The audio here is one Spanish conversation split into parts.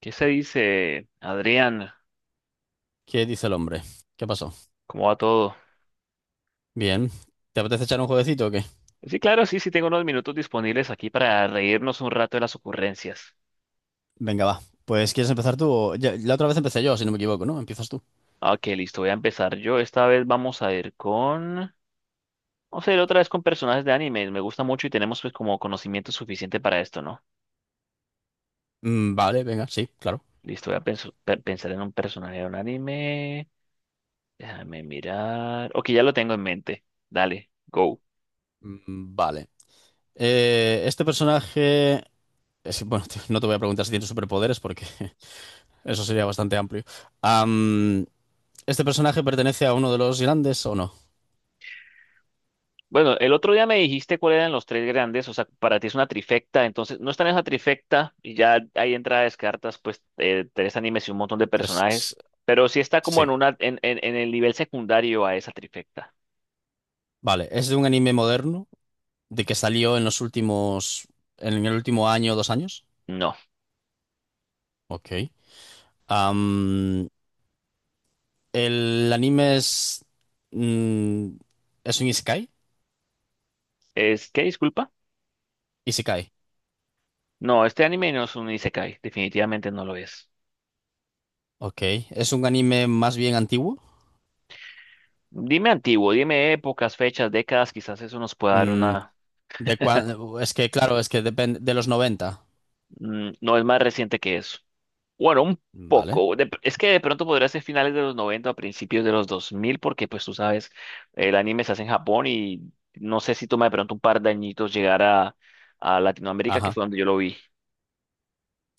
¿Qué se dice, Adrián? ¿Qué dice el hombre? ¿Qué pasó? ¿Cómo va todo? Bien. ¿Te apetece echar un jueguecito o qué? Sí, claro, sí, sí, tengo unos minutos disponibles aquí para reírnos un rato de las ocurrencias. Venga, va. Pues ¿quieres empezar tú? La otra vez empecé yo, si no me equivoco, ¿no? Empiezas tú. Ok, listo, voy a empezar yo. Esta vez vamos a ir con... Vamos a ir otra vez con personajes de anime. Me gusta mucho y tenemos pues como conocimiento suficiente para esto, ¿no? Vale, venga, sí, claro. Listo, voy a pensar en un personaje de un anime. Déjame mirar. Ok, ya lo tengo en mente. Dale, go. Vale. Este personaje... bueno, tío, no te voy a preguntar si tiene superpoderes porque eso sería bastante amplio. Am, ¿Este personaje pertenece a uno de los grandes o no? Bueno, el otro día me dijiste cuáles eran los tres grandes, o sea, para ti es una trifecta, entonces no está en esa trifecta y ya ahí entra descartas, pues tres animes y un montón de Es- es- personajes, pero sí está como en sí. una en el nivel secundario a esa trifecta. Vale. ¿Es de un anime moderno? ¿De que salió en los últimos... en el último año o dos años? No, Ok. Am, El anime es. mm, ¿Es un isekai? es que disculpa, Isekai. no, este anime no es un isekai, definitivamente no lo es. Ok. Es un anime más bien antiguo. Dime antiguo, dime épocas, fechas, décadas, quizás eso nos pueda dar Mm, una, es que, claro, es que depende de los noventa. No es más reciente que eso. Bueno, un Vale. poco. Es que de pronto podría ser finales de los 90 a principios de los 2000 porque pues tú sabes, el anime se hace en Japón y no sé si toma de pronto un par de añitos llegar a Latinoamérica, que Ajá, fue donde yo lo vi.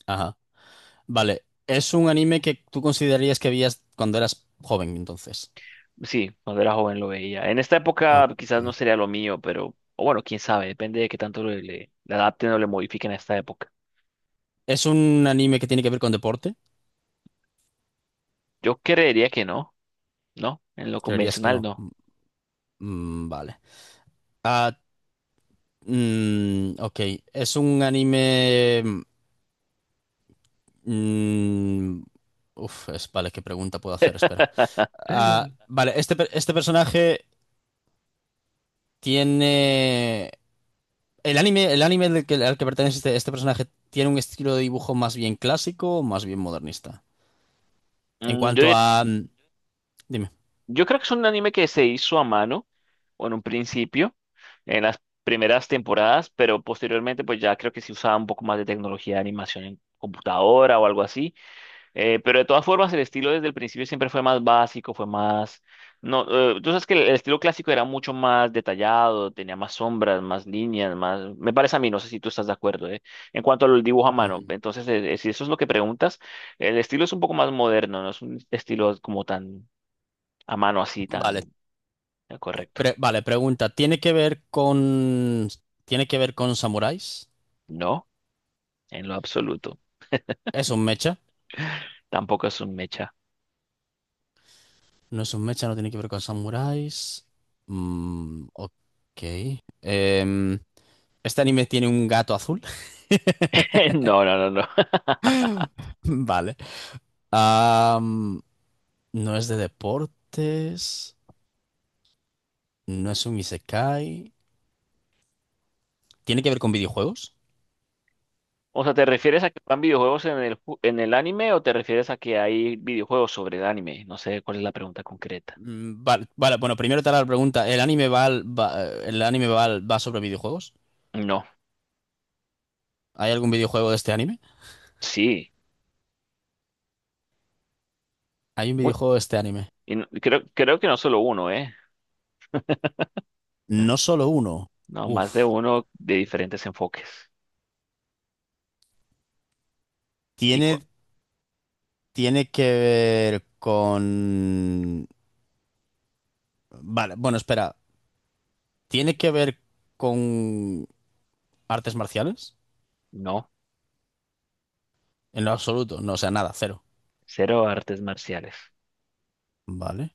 ajá. Vale. Es un anime que tú considerarías que veías cuando eras joven, entonces. Sí, cuando era joven lo veía. En esta época Ok. quizás no sería lo mío, pero o bueno, quién sabe, depende de qué tanto le adapten o le modifiquen a esta época. ¿Es un anime que tiene que ver con deporte? Yo creería que no, ¿no? En lo Creerías que convencional no. no. Vale. Ah, ok. ¿Es un anime. Mm, Uf, es, vale, ¿qué pregunta puedo hacer? Espera. Vale, este personaje tiene... El anime, al que pertenece este personaje tiene un estilo de dibujo más bien clásico o más bien modernista. En Mm, cuanto yo a... mm, dime. Yo creo que es un anime que se hizo a mano, o en un principio, en las primeras temporadas, pero posteriormente pues ya creo que se usaba un poco más de tecnología de animación en computadora o algo así. Pero de todas formas el estilo desde el principio siempre fue más básico, fue más... No, tú sabes que el estilo clásico era mucho más detallado, tenía más sombras, más líneas, más... Me parece a mí, no sé si tú estás de acuerdo, ¿eh? En cuanto al dibujo a mano, Ujú. entonces si eso es lo que preguntas, el estilo es un poco más moderno, no es un estilo como tan a mano así Vale, tan correcto. Vale, pregunta. ¿Tiene que ver con... ¿Tiene que ver con samuráis? No, en lo absoluto. ¿Es un mecha? Tampoco es un mecha. No es un mecha, no tiene que ver con samuráis. Mm, ok. Em, Este anime tiene un gato azul. No, no, no, no. Vale. Am, no es de deportes. No es un isekai. ¿Tiene que ver con videojuegos? O sea, ¿te refieres a que van videojuegos en en el anime o te refieres a que hay videojuegos sobre el anime? No sé cuál es la pregunta concreta. Mm, vale, vale, bueno, primero te haré la pregunta. ¿El anime va sobre videojuegos? No, ¿Hay algún videojuego de este anime? sí. Hay un Uy, videojuego de este anime. y creo, creo que no solo uno, ¿eh? No solo uno. No, más de Uf. uno de diferentes enfoques. Y con, Tiene, tiene que ver con... Vale, bueno, espera. ¿Tiene que ver con artes marciales? no, En lo absoluto. No, o sea, nada, cero. cero artes marciales. Vale.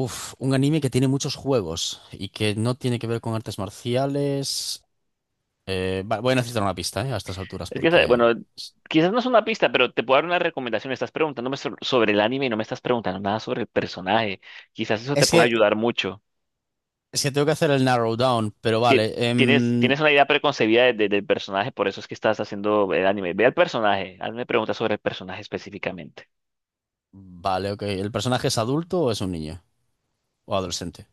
Uf, un anime que tiene muchos juegos y que no tiene que ver con artes marciales. Voy a necesitar una pista, a estas alturas Es que, porque... bueno, quizás no es una pista, pero te puedo dar una recomendación. Estás preguntándome sobre el anime y no me estás preguntando nada sobre el personaje. Quizás eso te Es pueda que, ayudar mucho. es que tengo que hacer el narrow down, pero Ti- vale. Tienes, tienes una idea preconcebida del personaje, por eso es que estás haciendo el anime. Ve al personaje, hazme preguntas sobre el personaje específicamente. Vale, ok. ¿El personaje es adulto o es un niño? ¿O adolescente?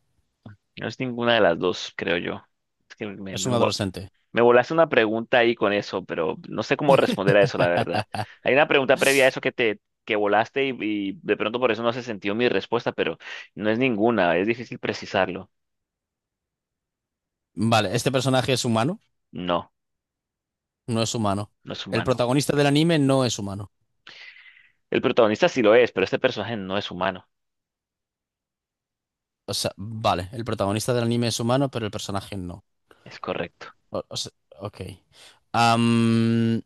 No es ninguna de las dos, creo yo. Es que Es un adolescente. me volaste una pregunta ahí con eso, pero no sé cómo responder a eso, la verdad. Hay una pregunta previa a eso que te que volaste y de pronto por eso no se sintió mi respuesta, pero no es ninguna, es difícil precisarlo. Vale, ¿este personaje es humano? No, No es humano. no es El humano. protagonista del anime no es humano. El protagonista sí lo es, pero este personaje no es humano. O sea, vale, el protagonista del anime es humano, pero el personaje no. Es correcto. O sea, ok. Am,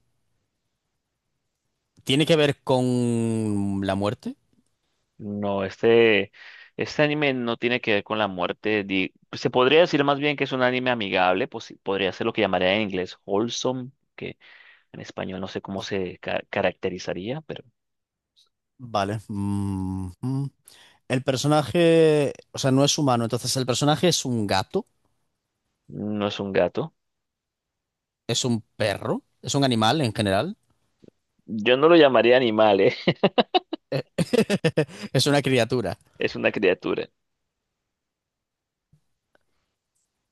¿Tiene que ver con la muerte? No, este anime no tiene que ver con la muerte. Se podría decir más bien que es un anime amigable, pues sí, podría ser lo que llamaría en inglés wholesome, que en español no sé cómo Oh, se caracterizaría, pero. vale. Mm, mm. El personaje, o sea, no es humano, entonces el personaje es un gato, No es un gato. es un perro, es un animal en general, Yo no lo llamaría animal, ¿eh? eh, es una criatura. Es una criatura.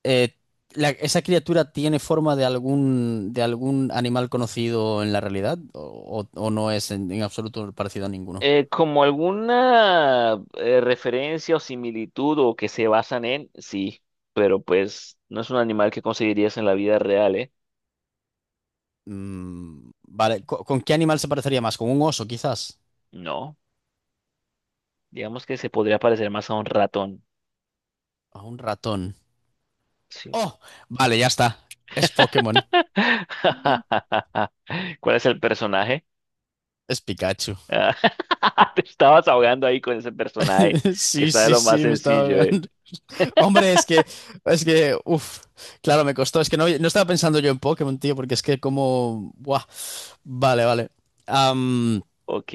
Eh, ¿Esa criatura tiene forma de de algún animal conocido en la realidad o no es en absoluto parecido a ninguno? Como alguna referencia o similitud o que se basan en, sí, pero pues no es un animal que conseguirías en la vida real, ¿eh? Mm, vale, ¿con qué animal se parecería más? ¿Con un oso, quizás? No, digamos que se podría parecer más a un ratón. ¿A un ratón? Sí. Oh, vale, ya está. Es Pokémon. ¿Cuál es el personaje? Es Pikachu. Ah, te estabas ahogando ahí con ese personaje que Sí, está de sí, lo más sí, me estaba sencillo, ¿eh? ahogando. Hombre, es que, uff, claro, me costó. Es que no, no estaba pensando yo en Pokémon, tío, porque es que como. Buah. Vale, vale. Am, Ok,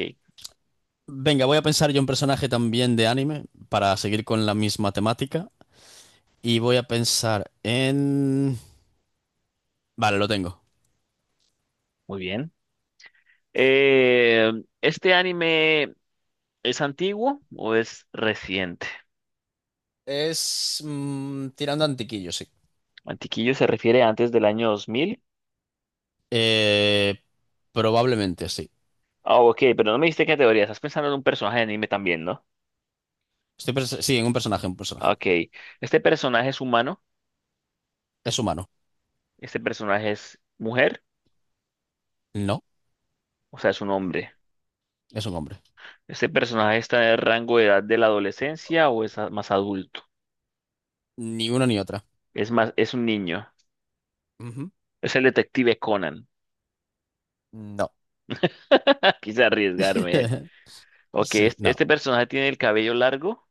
Venga, voy a pensar yo un personaje también de anime para seguir con la misma temática. Y voy a pensar en. Vale, lo tengo. muy bien. Eh, ¿Este anime es antiguo o es reciente? Es mm, tirando a antiquillo, sí. Antiquillo se refiere a antes del año 2000. Eh, Probablemente sí. Ah, ok, pero no me diste categoría. Estás pensando en un personaje de anime también, ¿no? Sí, en un personaje, un Ah, personaje. Ok. ¿Este personaje es humano? Es humano. ¿Este personaje es mujer? No, O sea, es un hombre. es un hombre. ¿Este personaje está en el rango de edad de la adolescencia o es más adulto? Ni una ni otra. Es más, es un niño. Ujú. Es el detective Conan. No. Quise arriesgarme, eh. Ok, Sí, no. ¿este personaje tiene el cabello largo?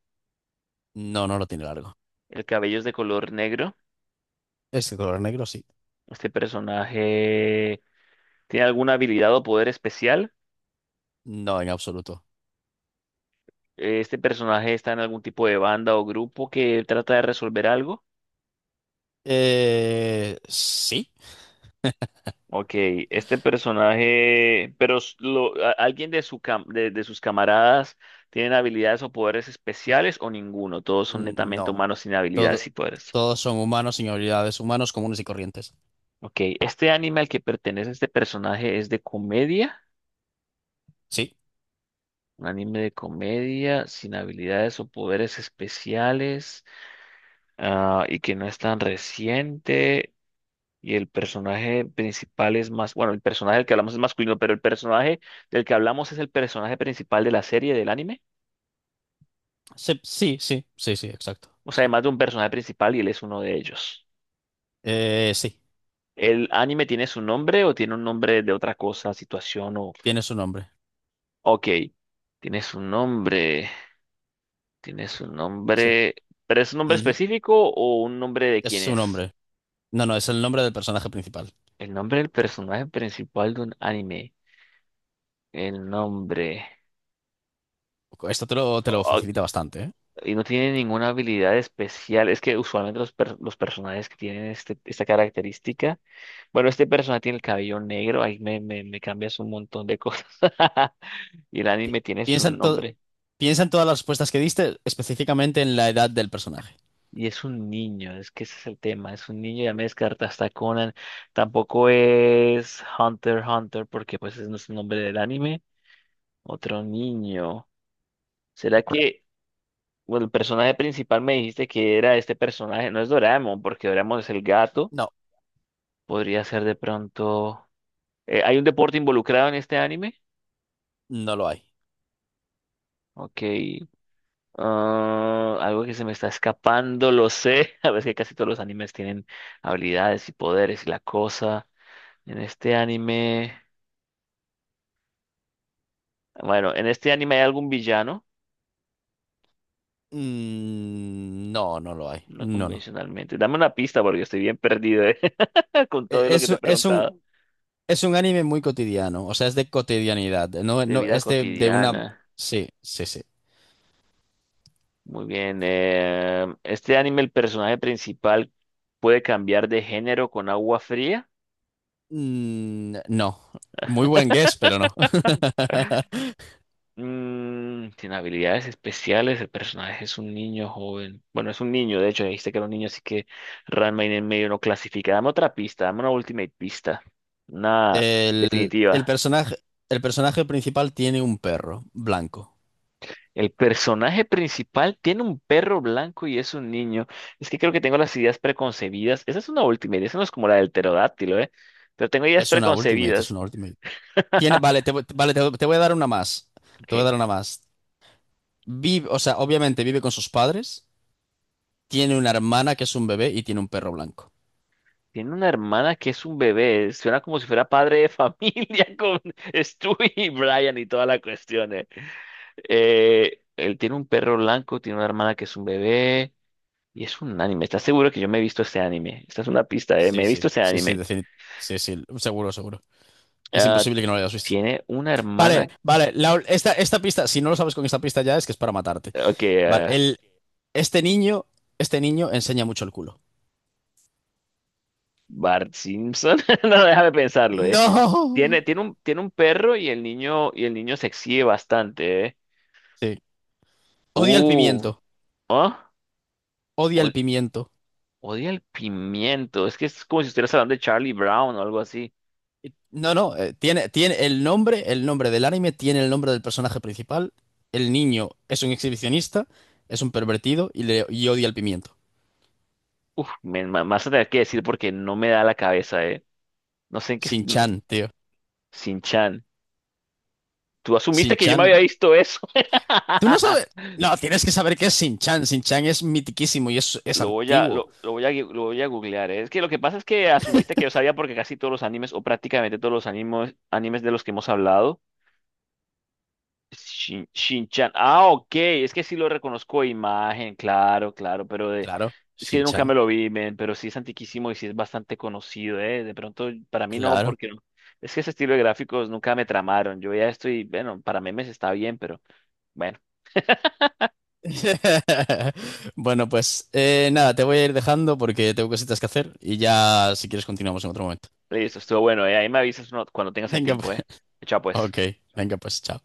No, no lo tiene largo. ¿El cabello es de color negro? Es de color negro, sí. Este personaje tiene alguna habilidad o poder especial. No, en absoluto. Este personaje está en algún tipo de banda o grupo que trata de resolver algo. Sí. Ok, este personaje, pero alguien de, de sus camaradas tienen habilidades o poderes especiales o ninguno. Todos son netamente No. humanos sin Todo- habilidades y poderes. todos son humanos sin habilidades, humanos comunes y corrientes. Ok, este anime al que pertenece este personaje es de comedia. Sí. Un anime de comedia sin habilidades o poderes especiales, y que no es tan reciente. Y el personaje principal es más, bueno, el personaje del que hablamos es masculino, pero el personaje del que hablamos es el personaje principal de la serie, del anime. Sí, sí, sí, sí, sí, exacto. O sea, Sí. además de un personaje principal y él es uno de ellos. Sí. ¿El anime tiene su nombre o tiene un nombre de otra cosa, situación o... Tiene su nombre. Ok, tiene su nombre, tiene su Sí. nombre, pero ¿es un nombre Ujú. específico o un nombre de Es quién su es? nombre. No, no, es el nombre del personaje principal. El nombre del personaje principal de un anime. El nombre. Esto te lo Oh, facilita bastante, ¿eh? y no tiene ninguna habilidad especial. Es que usualmente los personajes que tienen este, esta característica. Bueno, este personaje tiene el cabello negro. Ahí me cambias un montón de cosas. Y el Pi- anime tiene su Piensa en todo. nombre. Piensa en todas las respuestas que diste, específicamente en la edad del personaje. Y es un niño. Es que ese es el tema. Es un niño. Ya me descartaste a Conan. Tampoco es Hunter x Hunter porque pues ese no es el nombre del anime. Otro niño. ¿Será que bueno, el personaje principal me dijiste que era este personaje? No es Doraemon porque Doraemon es el gato. No, Podría ser de pronto. ¿Hay un deporte involucrado en este anime? no lo hay. Ok. Algo que se me está escapando, lo sé. A ver, es que casi todos los animes tienen habilidades y poderes y la cosa. En este anime. Bueno, en este anime hay algún villano. Mm, no, no lo hay. No No, no. convencionalmente. Dame una pista porque estoy bien perdido, con E- todo lo que Es, te he es un, preguntado. es un anime muy cotidiano, o sea, es de cotidianidad. No, De no, vida es de una... cotidiana. Sí, sí, sí. Muy bien. Este anime, el personaje principal puede cambiar de género con agua fría. Mm, no. Muy buen guess, pero no. Mm, sin habilidades especiales, el personaje es un niño joven. Bueno, es un niño, de hecho, dijiste que era un niño, así que Ranma en el medio no clasifica. Dame otra pista, dame una ultimate pista. Una El, definitiva. el personaje, el personaje principal tiene un perro blanco. El personaje principal tiene un perro blanco y es un niño. Es que creo que tengo las ideas preconcebidas. Esa es una ultimate, esa no es como la del pterodáctilo, ¿eh? Pero tengo ideas Es una ultimate, es preconcebidas. una ultimate. Tiene, vale, vale, te voy a dar una más. Te voy a Ok. dar una más. Vive, o sea, obviamente vive con sus padres, tiene una hermana que es un bebé y tiene un perro blanco. Tiene una hermana que es un bebé. Suena como si fuera padre de familia con Stu y Brian y toda la cuestión. Él tiene un perro blanco, tiene una hermana que es un bebé. Y es un anime. ¿Estás seguro que yo me he visto este anime? Esta es una pista, eh. Me Sí, he visto sí, este sí, sí, anime. Sí, sí, seguro, seguro. Es Ah, imposible que no lo hayas visto. tiene una Vale, hermana. vale, esta, esta pista, si no lo sabes con esta pista ya es que es para matarte. Ok, Vale, ah, este niño, este niño enseña mucho el culo. Bart Simpson. No, déjame pensarlo, eh. No. Tiene, tiene un perro y el niño se exhibe bastante, eh. Sí, odia el Uh. pimiento, ¿Ah? odia el pimiento. Odia el pimiento. Es que es como si estuvieras hablando de Charlie Brown o algo así. No, no, tiene, tiene el nombre del anime tiene el nombre del personaje principal. El niño es un exhibicionista, es un pervertido y, le, y odia el pimiento. Uf, me vas a tener que decir porque no me da la cabeza, eh. No sé en qué. No, Shin-chan, tío. Sin Chan. Tú asumiste que yo Shin-chan. me había visto eso. ¿Tú no sabes? No, tienes que saber qué es Shin-chan. Shin-chan es mitiquísimo y es Lo voy a, antiguo. Lo voy a, lo voy a googlear, eh. Es que lo que pasa es que asumiste que yo sabía porque casi todos los animes, o prácticamente todos los animes, animes de los que hemos hablado. Shin-chan. Ah, ok. Es que sí lo reconozco de imagen, claro, claro, pero de... Claro, es que yo nunca Shin-chan. me lo vi, men, pero sí es antiquísimo y sí es bastante conocido, ¿eh? De pronto, para mí no, Claro. porque no. Es que ese estilo de gráficos nunca me tramaron. Yo ya estoy, bueno, para memes está bien, pero bueno, Bueno, pues nada, te voy a ir dejando porque tengo cositas que hacer y ya si quieres continuamos en otro momento. listo, estuvo bueno, ¿eh? Ahí me avisas cuando tengas el Venga, pues, tiempo, ¿eh? Chao, pues. ok, venga, pues chao.